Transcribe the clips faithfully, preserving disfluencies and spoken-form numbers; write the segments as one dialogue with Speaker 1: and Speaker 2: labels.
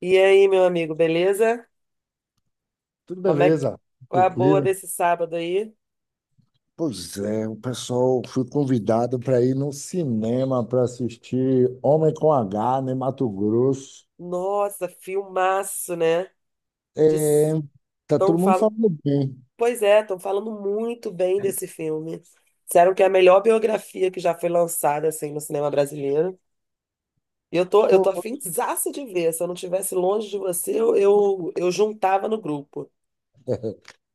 Speaker 1: E aí, meu amigo, beleza?
Speaker 2: Tudo
Speaker 1: Como é que...
Speaker 2: beleza?
Speaker 1: Qual é a boa
Speaker 2: Tranquilo?
Speaker 1: desse sábado aí?
Speaker 2: Pois é, o pessoal fui convidado para ir no cinema para assistir Homem com H, né, Mato Grosso.
Speaker 1: Nossa, filmaço, né?
Speaker 2: É,
Speaker 1: Diz-
Speaker 2: tá
Speaker 1: Tão
Speaker 2: todo mundo
Speaker 1: fal...
Speaker 2: falando bem.
Speaker 1: Pois é, estão falando muito bem desse filme. Disseram que é a melhor biografia que já foi lançada assim no cinema brasileiro. E eu tô, eu
Speaker 2: Pô,
Speaker 1: tô afinzaça de ver. Se eu não estivesse longe de você, eu, eu, eu juntava no grupo.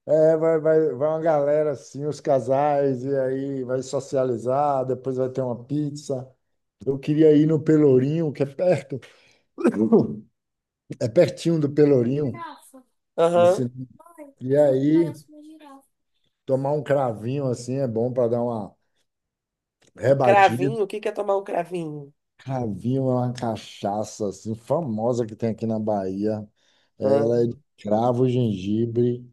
Speaker 2: é, vai, vai, vai uma galera assim, os casais, e aí vai socializar, depois vai ter uma pizza. Eu queria ir no Pelourinho, que é perto. É pertinho do Pelourinho, o
Speaker 1: Aham.
Speaker 2: cinema. E aí, tomar um cravinho assim é bom para dar uma
Speaker 1: Um
Speaker 2: rebatida.
Speaker 1: cravinho? O que que é tomar um cravinho?
Speaker 2: Cravinho é uma cachaça assim, famosa que tem aqui na Bahia. Ela é
Speaker 1: Ah,
Speaker 2: de cravo, gengibre,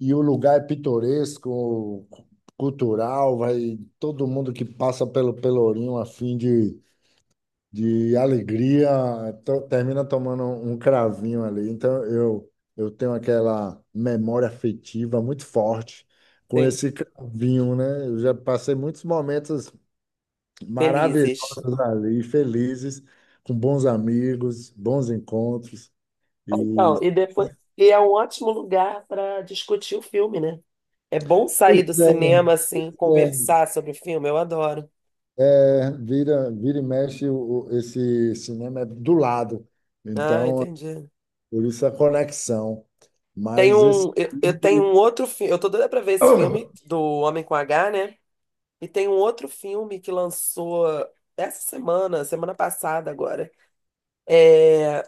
Speaker 2: e o lugar é pitoresco, cultural, vai todo mundo que passa pelo Pelourinho a fim de, de alegria, to- termina tomando um cravinho ali. Então eu, eu tenho aquela memória afetiva muito forte com
Speaker 1: sim.
Speaker 2: esse cravinho, né? Eu já passei muitos momentos
Speaker 1: Felizes.
Speaker 2: maravilhosas ali, felizes, com bons amigos, bons encontros. E,
Speaker 1: Então, e depois, e é um ótimo lugar para discutir o filme, né? É bom
Speaker 2: pois
Speaker 1: sair do
Speaker 2: é,
Speaker 1: cinema assim, conversar sobre o filme, eu adoro.
Speaker 2: é, é, vira, vira e mexe, o, o- esse cinema é do lado.
Speaker 1: Ah,
Speaker 2: Então,
Speaker 1: entendi.
Speaker 2: por isso a conexão.
Speaker 1: Tem
Speaker 2: Mas esse.
Speaker 1: um, eu, eu tenho um outro filme, eu tô doida pra ver esse filme do Homem com H, né? E tem um outro filme que lançou essa semana, semana passada agora. É,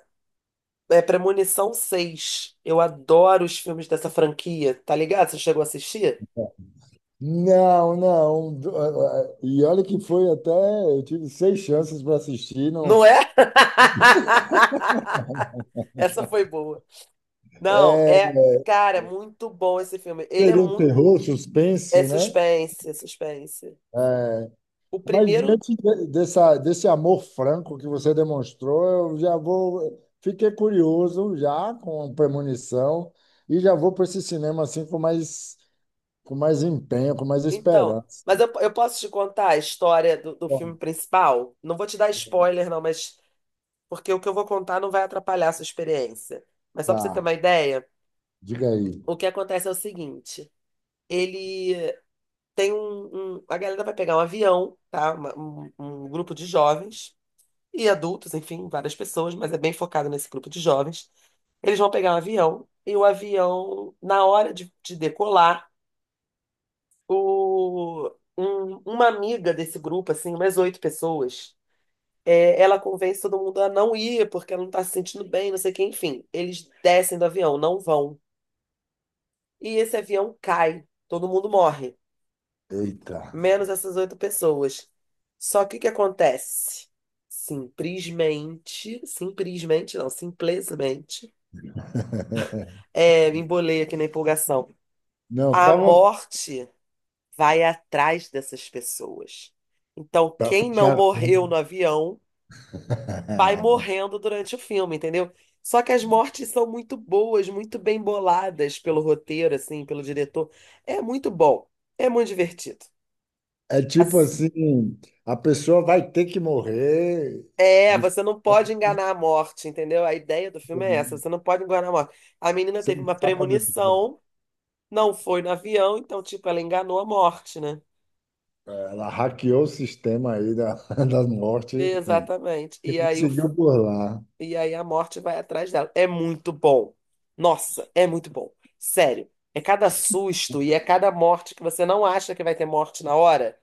Speaker 1: é Premonição seis. Eu adoro os filmes dessa franquia, tá ligado? Você chegou a assistir?
Speaker 2: Não, não. do- ah, ah, E olha que foi até. Eu tive seis chances para assistir.
Speaker 1: Não
Speaker 2: Não,
Speaker 1: é? Essa foi boa. Não,
Speaker 2: é,
Speaker 1: é, cara, muito bom esse filme. Ele é
Speaker 2: seria um
Speaker 1: muito.
Speaker 2: terror,
Speaker 1: É
Speaker 2: suspense, né?
Speaker 1: suspense, é suspense.
Speaker 2: É,
Speaker 1: O
Speaker 2: mas
Speaker 1: primeiro.
Speaker 2: diante de- dessa, desse amor franco que você demonstrou, eu já vou. Fiquei curioso já com premonição e já vou para esse cinema assim com mais, com mais empenho, com mais
Speaker 1: Então,
Speaker 2: esperança.
Speaker 1: mas eu, eu posso te contar a história do, do
Speaker 2: Bom.
Speaker 1: filme principal? Não vou te dar spoiler, não, mas porque o que eu vou contar não vai atrapalhar a sua experiência. Mas só para você ter
Speaker 2: Tá,
Speaker 1: uma ideia,
Speaker 2: diga aí.
Speaker 1: o que acontece é o seguinte: ele tem um, um- a galera vai pegar um avião, tá? Uma- um, um grupo de jovens e adultos, enfim, várias pessoas, mas é bem focado nesse grupo de jovens. Eles vão pegar um avião e o avião, na hora de, de decolar, o, um- uma amiga desse grupo, assim, umas oito pessoas, é, ela convence todo mundo a não ir porque ela não tá se sentindo bem, não sei o que, enfim. Eles descem do avião, não vão. E esse avião cai, todo mundo morre,
Speaker 2: Eita.
Speaker 1: menos essas oito pessoas. Só que o que acontece? Simplesmente, simplesmente não, simplesmente, é, me embolei aqui na empolgação.
Speaker 2: Não, fica
Speaker 1: A
Speaker 2: à vontade.
Speaker 1: morte vai atrás dessas pessoas. Então,
Speaker 2: Pra
Speaker 1: quem não
Speaker 2: fechar a
Speaker 1: morreu no
Speaker 2: conta.
Speaker 1: avião vai morrendo durante o filme, entendeu? Só que as mortes são muito boas, muito bem boladas pelo roteiro, assim, pelo diretor. É muito bom, é muito divertido.
Speaker 2: É tipo
Speaker 1: Assim,
Speaker 2: assim, a pessoa vai ter que morrer
Speaker 1: é,
Speaker 2: de...
Speaker 1: você não pode enganar a morte, entendeu? A ideia do filme é essa, você não pode enganar a morte. A menina
Speaker 2: você
Speaker 1: teve
Speaker 2: não
Speaker 1: uma
Speaker 2: escapa do dia.
Speaker 1: premonição, não foi no avião, então, tipo, ela enganou a morte, né?
Speaker 2: Ela hackeou o sistema aí da, da morte
Speaker 1: Exatamente.
Speaker 2: e
Speaker 1: E aí, o,
Speaker 2: conseguiu burlar.
Speaker 1: e aí a morte vai atrás dela. É muito bom. Nossa, é muito bom. Sério. É cada susto e é cada morte que você não acha que vai ter morte na hora,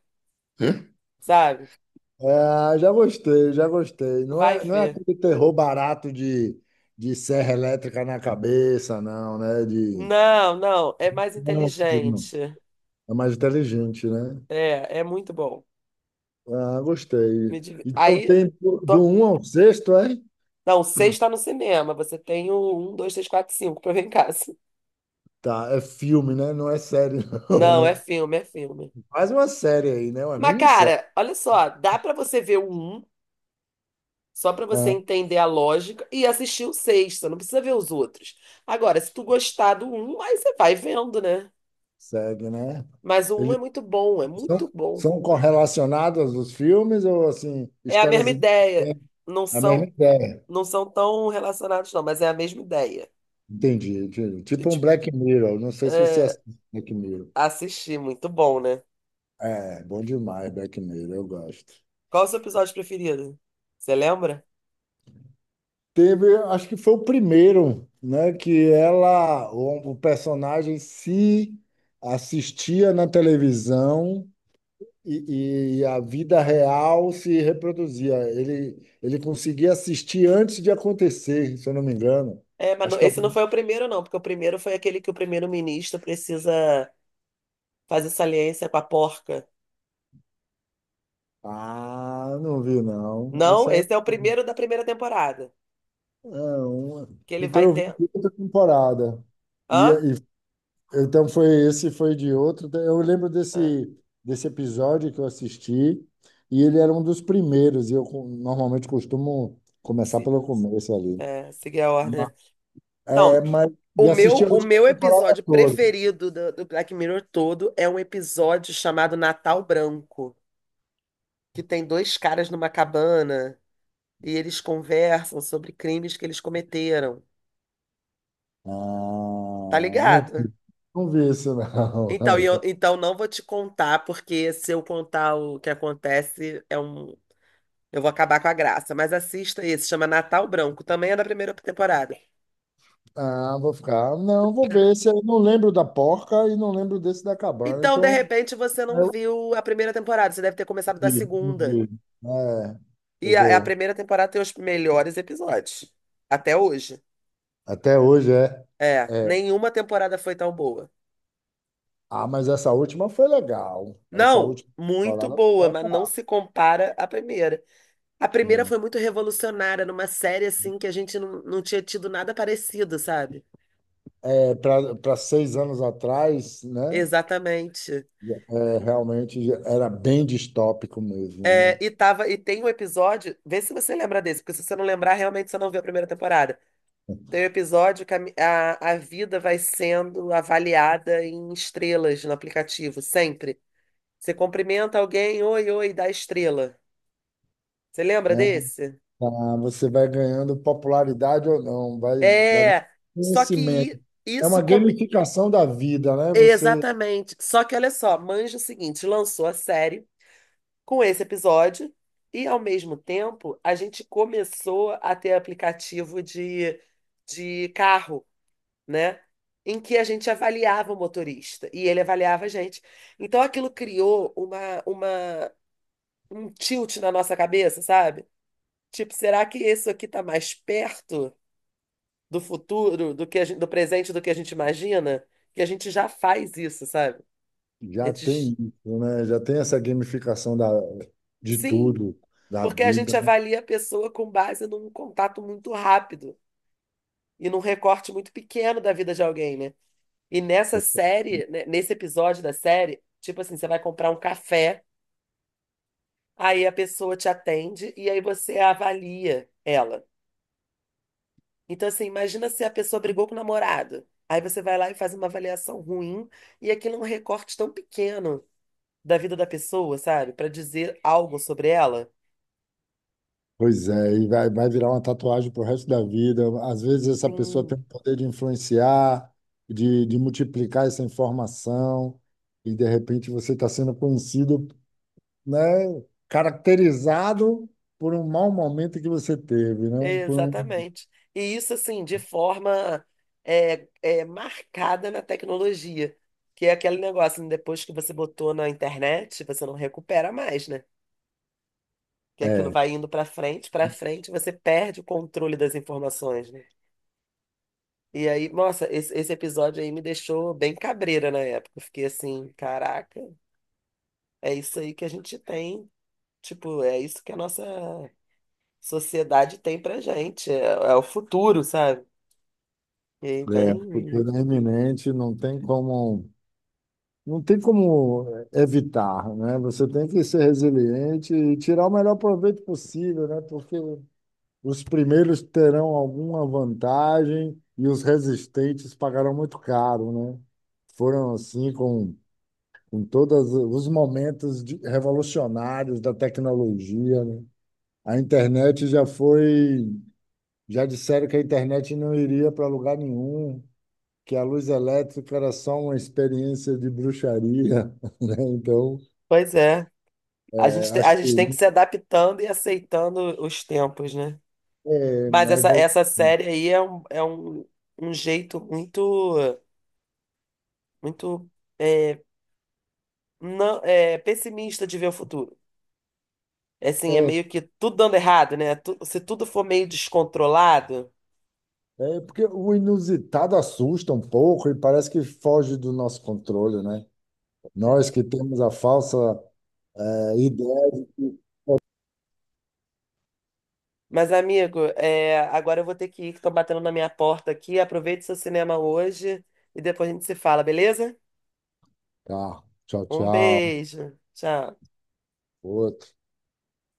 Speaker 1: sabe?
Speaker 2: É, já gostei, já gostei. Não
Speaker 1: Vai
Speaker 2: é, não é
Speaker 1: ver.
Speaker 2: aquele terror barato de, de serra elétrica na cabeça, não, né? De...
Speaker 1: Não, não, é mais
Speaker 2: Não, não.
Speaker 1: inteligente.
Speaker 2: É mais inteligente, né?
Speaker 1: É, é muito bom.
Speaker 2: Ah, gostei.
Speaker 1: Me div-
Speaker 2: Então
Speaker 1: Aí.
Speaker 2: tem do do
Speaker 1: tô-
Speaker 2: um ao sexto, é?
Speaker 1: Não, seis tá no cinema. Você tem o um, dois, três, quatro, cinco pra ver em casa.
Speaker 2: Tá, é filme, né? Não é série, não,
Speaker 1: Não, é
Speaker 2: né?
Speaker 1: filme, é filme.
Speaker 2: Faz uma série aí, né? Uma
Speaker 1: Mas,
Speaker 2: minissérie.
Speaker 1: cara, olha só, dá pra você ver o um, só pra você
Speaker 2: Ah,
Speaker 1: entender a lógica, e assistir o seis. Você não precisa ver os outros. Agora, se tu gostar do um, aí você vai vendo, né?
Speaker 2: segue, né?
Speaker 1: Mas o um é
Speaker 2: Ele
Speaker 1: muito bom, é muito
Speaker 2: São,
Speaker 1: bom.
Speaker 2: são correlacionadas os filmes ou assim,
Speaker 1: É a mesma
Speaker 2: histórias
Speaker 1: ideia.
Speaker 2: independentes?
Speaker 1: Não
Speaker 2: A mesma
Speaker 1: são,
Speaker 2: ideia?
Speaker 1: não são tão relacionados, não, mas é a mesma ideia.
Speaker 2: Entendi, entendi.
Speaker 1: Eu,
Speaker 2: Tipo um
Speaker 1: Tipo,
Speaker 2: Black Mirror. Não sei se você
Speaker 1: é,
Speaker 2: assiste Black Mirror.
Speaker 1: assistir, muito bom, né?
Speaker 2: É, bom demais, Black Mirror, eu gosto.
Speaker 1: Qual é o seu episódio preferido? Você lembra?
Speaker 2: Teve, acho que foi o primeiro, né, que ela, o, o personagem se assistia na televisão e, e a vida real se reproduzia. Ele, ele conseguia assistir antes de acontecer, se eu não me engano.
Speaker 1: É, mas
Speaker 2: Acho
Speaker 1: não-
Speaker 2: que é o...
Speaker 1: esse não foi o primeiro, não, porque o primeiro foi aquele que o primeiro-ministro precisa fazer saliência com a porca.
Speaker 2: Ah, não vi não.
Speaker 1: Não,
Speaker 2: Essa é,
Speaker 1: esse é o primeiro da primeira temporada.
Speaker 2: é uma...
Speaker 1: Que ele
Speaker 2: Então
Speaker 1: vai
Speaker 2: eu vi
Speaker 1: ter.
Speaker 2: de outra temporada. E,
Speaker 1: Hã?
Speaker 2: e- então foi esse, foi de outro. Eu lembro
Speaker 1: Ah,
Speaker 2: desse, desse episódio que eu assisti e ele era um dos primeiros. E eu co- normalmente costumo começar
Speaker 1: se...
Speaker 2: pelo começo ali.
Speaker 1: é, seguir a ordem, né?
Speaker 2: Ma- É,
Speaker 1: Então,
Speaker 2: mas e
Speaker 1: o meu,
Speaker 2: assisti a
Speaker 1: o
Speaker 2: última
Speaker 1: meu
Speaker 2: temporada
Speaker 1: episódio
Speaker 2: toda.
Speaker 1: preferido do, do Black Mirror todo é um episódio chamado Natal Branco, que tem dois caras numa cabana e eles conversam sobre crimes que eles cometeram.
Speaker 2: Ah,
Speaker 1: Tá
Speaker 2: não,
Speaker 1: ligado?
Speaker 2: vi- não vi isso não.
Speaker 1: Então, e eu- então não vou te contar, porque se eu contar o que acontece, é um, eu vou acabar com a graça. Mas assista esse, chama Natal Branco, também é da primeira temporada.
Speaker 2: Ah, vou ficar. Não, vou ver se eu não lembro da porca e não lembro desse da cabana.
Speaker 1: Então, de
Speaker 2: Então
Speaker 1: repente, você não
Speaker 2: Eu
Speaker 1: viu a primeira temporada, você deve ter começado da
Speaker 2: vi, eu
Speaker 1: segunda.
Speaker 2: vi. É, eu
Speaker 1: E a, a
Speaker 2: vou.
Speaker 1: primeira temporada tem os melhores episódios, até hoje.
Speaker 2: Até hoje é,
Speaker 1: É,
Speaker 2: é.
Speaker 1: nenhuma temporada foi tão boa.
Speaker 2: Ah, mas essa última foi legal. Essa
Speaker 1: Não,
Speaker 2: última
Speaker 1: muito
Speaker 2: temporada foi
Speaker 1: boa, mas não
Speaker 2: legal.
Speaker 1: se compara à primeira. A primeira
Speaker 2: Hum.
Speaker 1: foi muito revolucionária, numa série assim que a gente não, não tinha tido nada parecido, sabe?
Speaker 2: É, para seis anos atrás, né?
Speaker 1: Exatamente.
Speaker 2: É, realmente era bem distópico
Speaker 1: É,
Speaker 2: mesmo,
Speaker 1: e, tava, e tem um episódio, vê se você lembra desse, porque se você não lembrar, realmente você não viu a primeira temporada. Tem um episódio que a, mi- a, a vida vai sendo avaliada em estrelas no aplicativo, sempre. Você cumprimenta alguém, oi, oi, dá estrela. Você lembra
Speaker 2: né? É,
Speaker 1: desse?
Speaker 2: tá, você vai ganhando popularidade ou não, vai, vai ganhando
Speaker 1: É, só que
Speaker 2: conhecimento.
Speaker 1: i-
Speaker 2: É uma
Speaker 1: isso... Come...
Speaker 2: gamificação da vida, né? Você
Speaker 1: exatamente. Só que olha só, manja o seguinte, lançou a série com esse episódio e, ao mesmo tempo, a gente começou a ter aplicativo de, de carro, né? Em que a gente avaliava o motorista e ele avaliava a gente. Então aquilo criou uma, uma, um tilt na nossa cabeça, sabe? Tipo, será que isso aqui tá mais perto do futuro, do que a gente- do presente, do que a gente imagina? Que a gente já faz isso, sabe? A
Speaker 2: já
Speaker 1: gente,
Speaker 2: tem isso, né? Já tem essa gamificação da, de
Speaker 1: sim,
Speaker 2: tudo, da
Speaker 1: porque a
Speaker 2: vida,
Speaker 1: gente
Speaker 2: né?
Speaker 1: avalia a pessoa com base num contato muito rápido e num recorte muito pequeno da vida de alguém, né? E nessa série, né, nesse episódio da série, tipo assim, você vai comprar um café, aí a pessoa te atende e aí você avalia ela. Então, assim, imagina se a pessoa brigou com o namorado. Aí você vai lá e faz uma avaliação ruim, e aquilo é um recorte tão pequeno da vida da pessoa, sabe? Pra dizer algo sobre ela.
Speaker 2: Pois é, e vai, vai virar uma tatuagem pro resto da vida. Às vezes essa pessoa tem
Speaker 1: Sim.
Speaker 2: o poder de influenciar, de, de multiplicar essa informação, e de repente você está sendo conhecido, né? Caracterizado por um mau momento que você teve, né? Por um,
Speaker 1: Exatamente. E isso, assim, de forma é, é, marcada na tecnologia, que é aquele negócio, né, depois que você botou na internet, você não recupera mais, né? Que aquilo
Speaker 2: é,
Speaker 1: vai indo para frente, para frente, você perde o controle das informações, né? E aí, nossa, esse, esse episódio aí me deixou bem cabreira na época. Eu fiquei assim, caraca, é isso aí que a gente tem, tipo, é isso que a nossa sociedade tem pra gente, é, é o futuro, sabe? E aí,
Speaker 2: é, por tudo é
Speaker 1: bem.
Speaker 2: iminente, não tem como. Não tem como evitar, né? Você tem que ser resiliente e tirar o melhor proveito possível, né? Porque os primeiros terão alguma vantagem e os resistentes pagarão muito caro, né? Foram assim com, com todos os momentos de- revolucionários da tecnologia, né? A internet já foi, já disseram que a internet não iria para lugar nenhum, que a luz elétrica era só uma experiência de bruxaria, né? Então,
Speaker 1: Pois é. A
Speaker 2: é,
Speaker 1: gente, te-
Speaker 2: acho
Speaker 1: a
Speaker 2: que
Speaker 1: gente tem que se adaptando e aceitando os tempos, né?
Speaker 2: é,
Speaker 1: Mas
Speaker 2: uma
Speaker 1: essa,
Speaker 2: evolu-
Speaker 1: essa série aí é um, é um, um jeito muito, muito é, não, é, pessimista de ver o futuro. É assim, é
Speaker 2: é,
Speaker 1: meio que tudo dando errado, né? Tu- se tudo for meio descontrolado,
Speaker 2: é porque o inusitado assusta um pouco e parece que foge do nosso controle, né?
Speaker 1: né?
Speaker 2: Nós que temos a falsa, é, ideia de que,
Speaker 1: Mas, amigo, é, agora eu vou ter que ir, que estão batendo na minha porta aqui. Aproveite seu cinema hoje e depois a gente se fala, beleza?
Speaker 2: tá, tchau,
Speaker 1: Um
Speaker 2: tchau,
Speaker 1: beijo. Tchau.
Speaker 2: outro.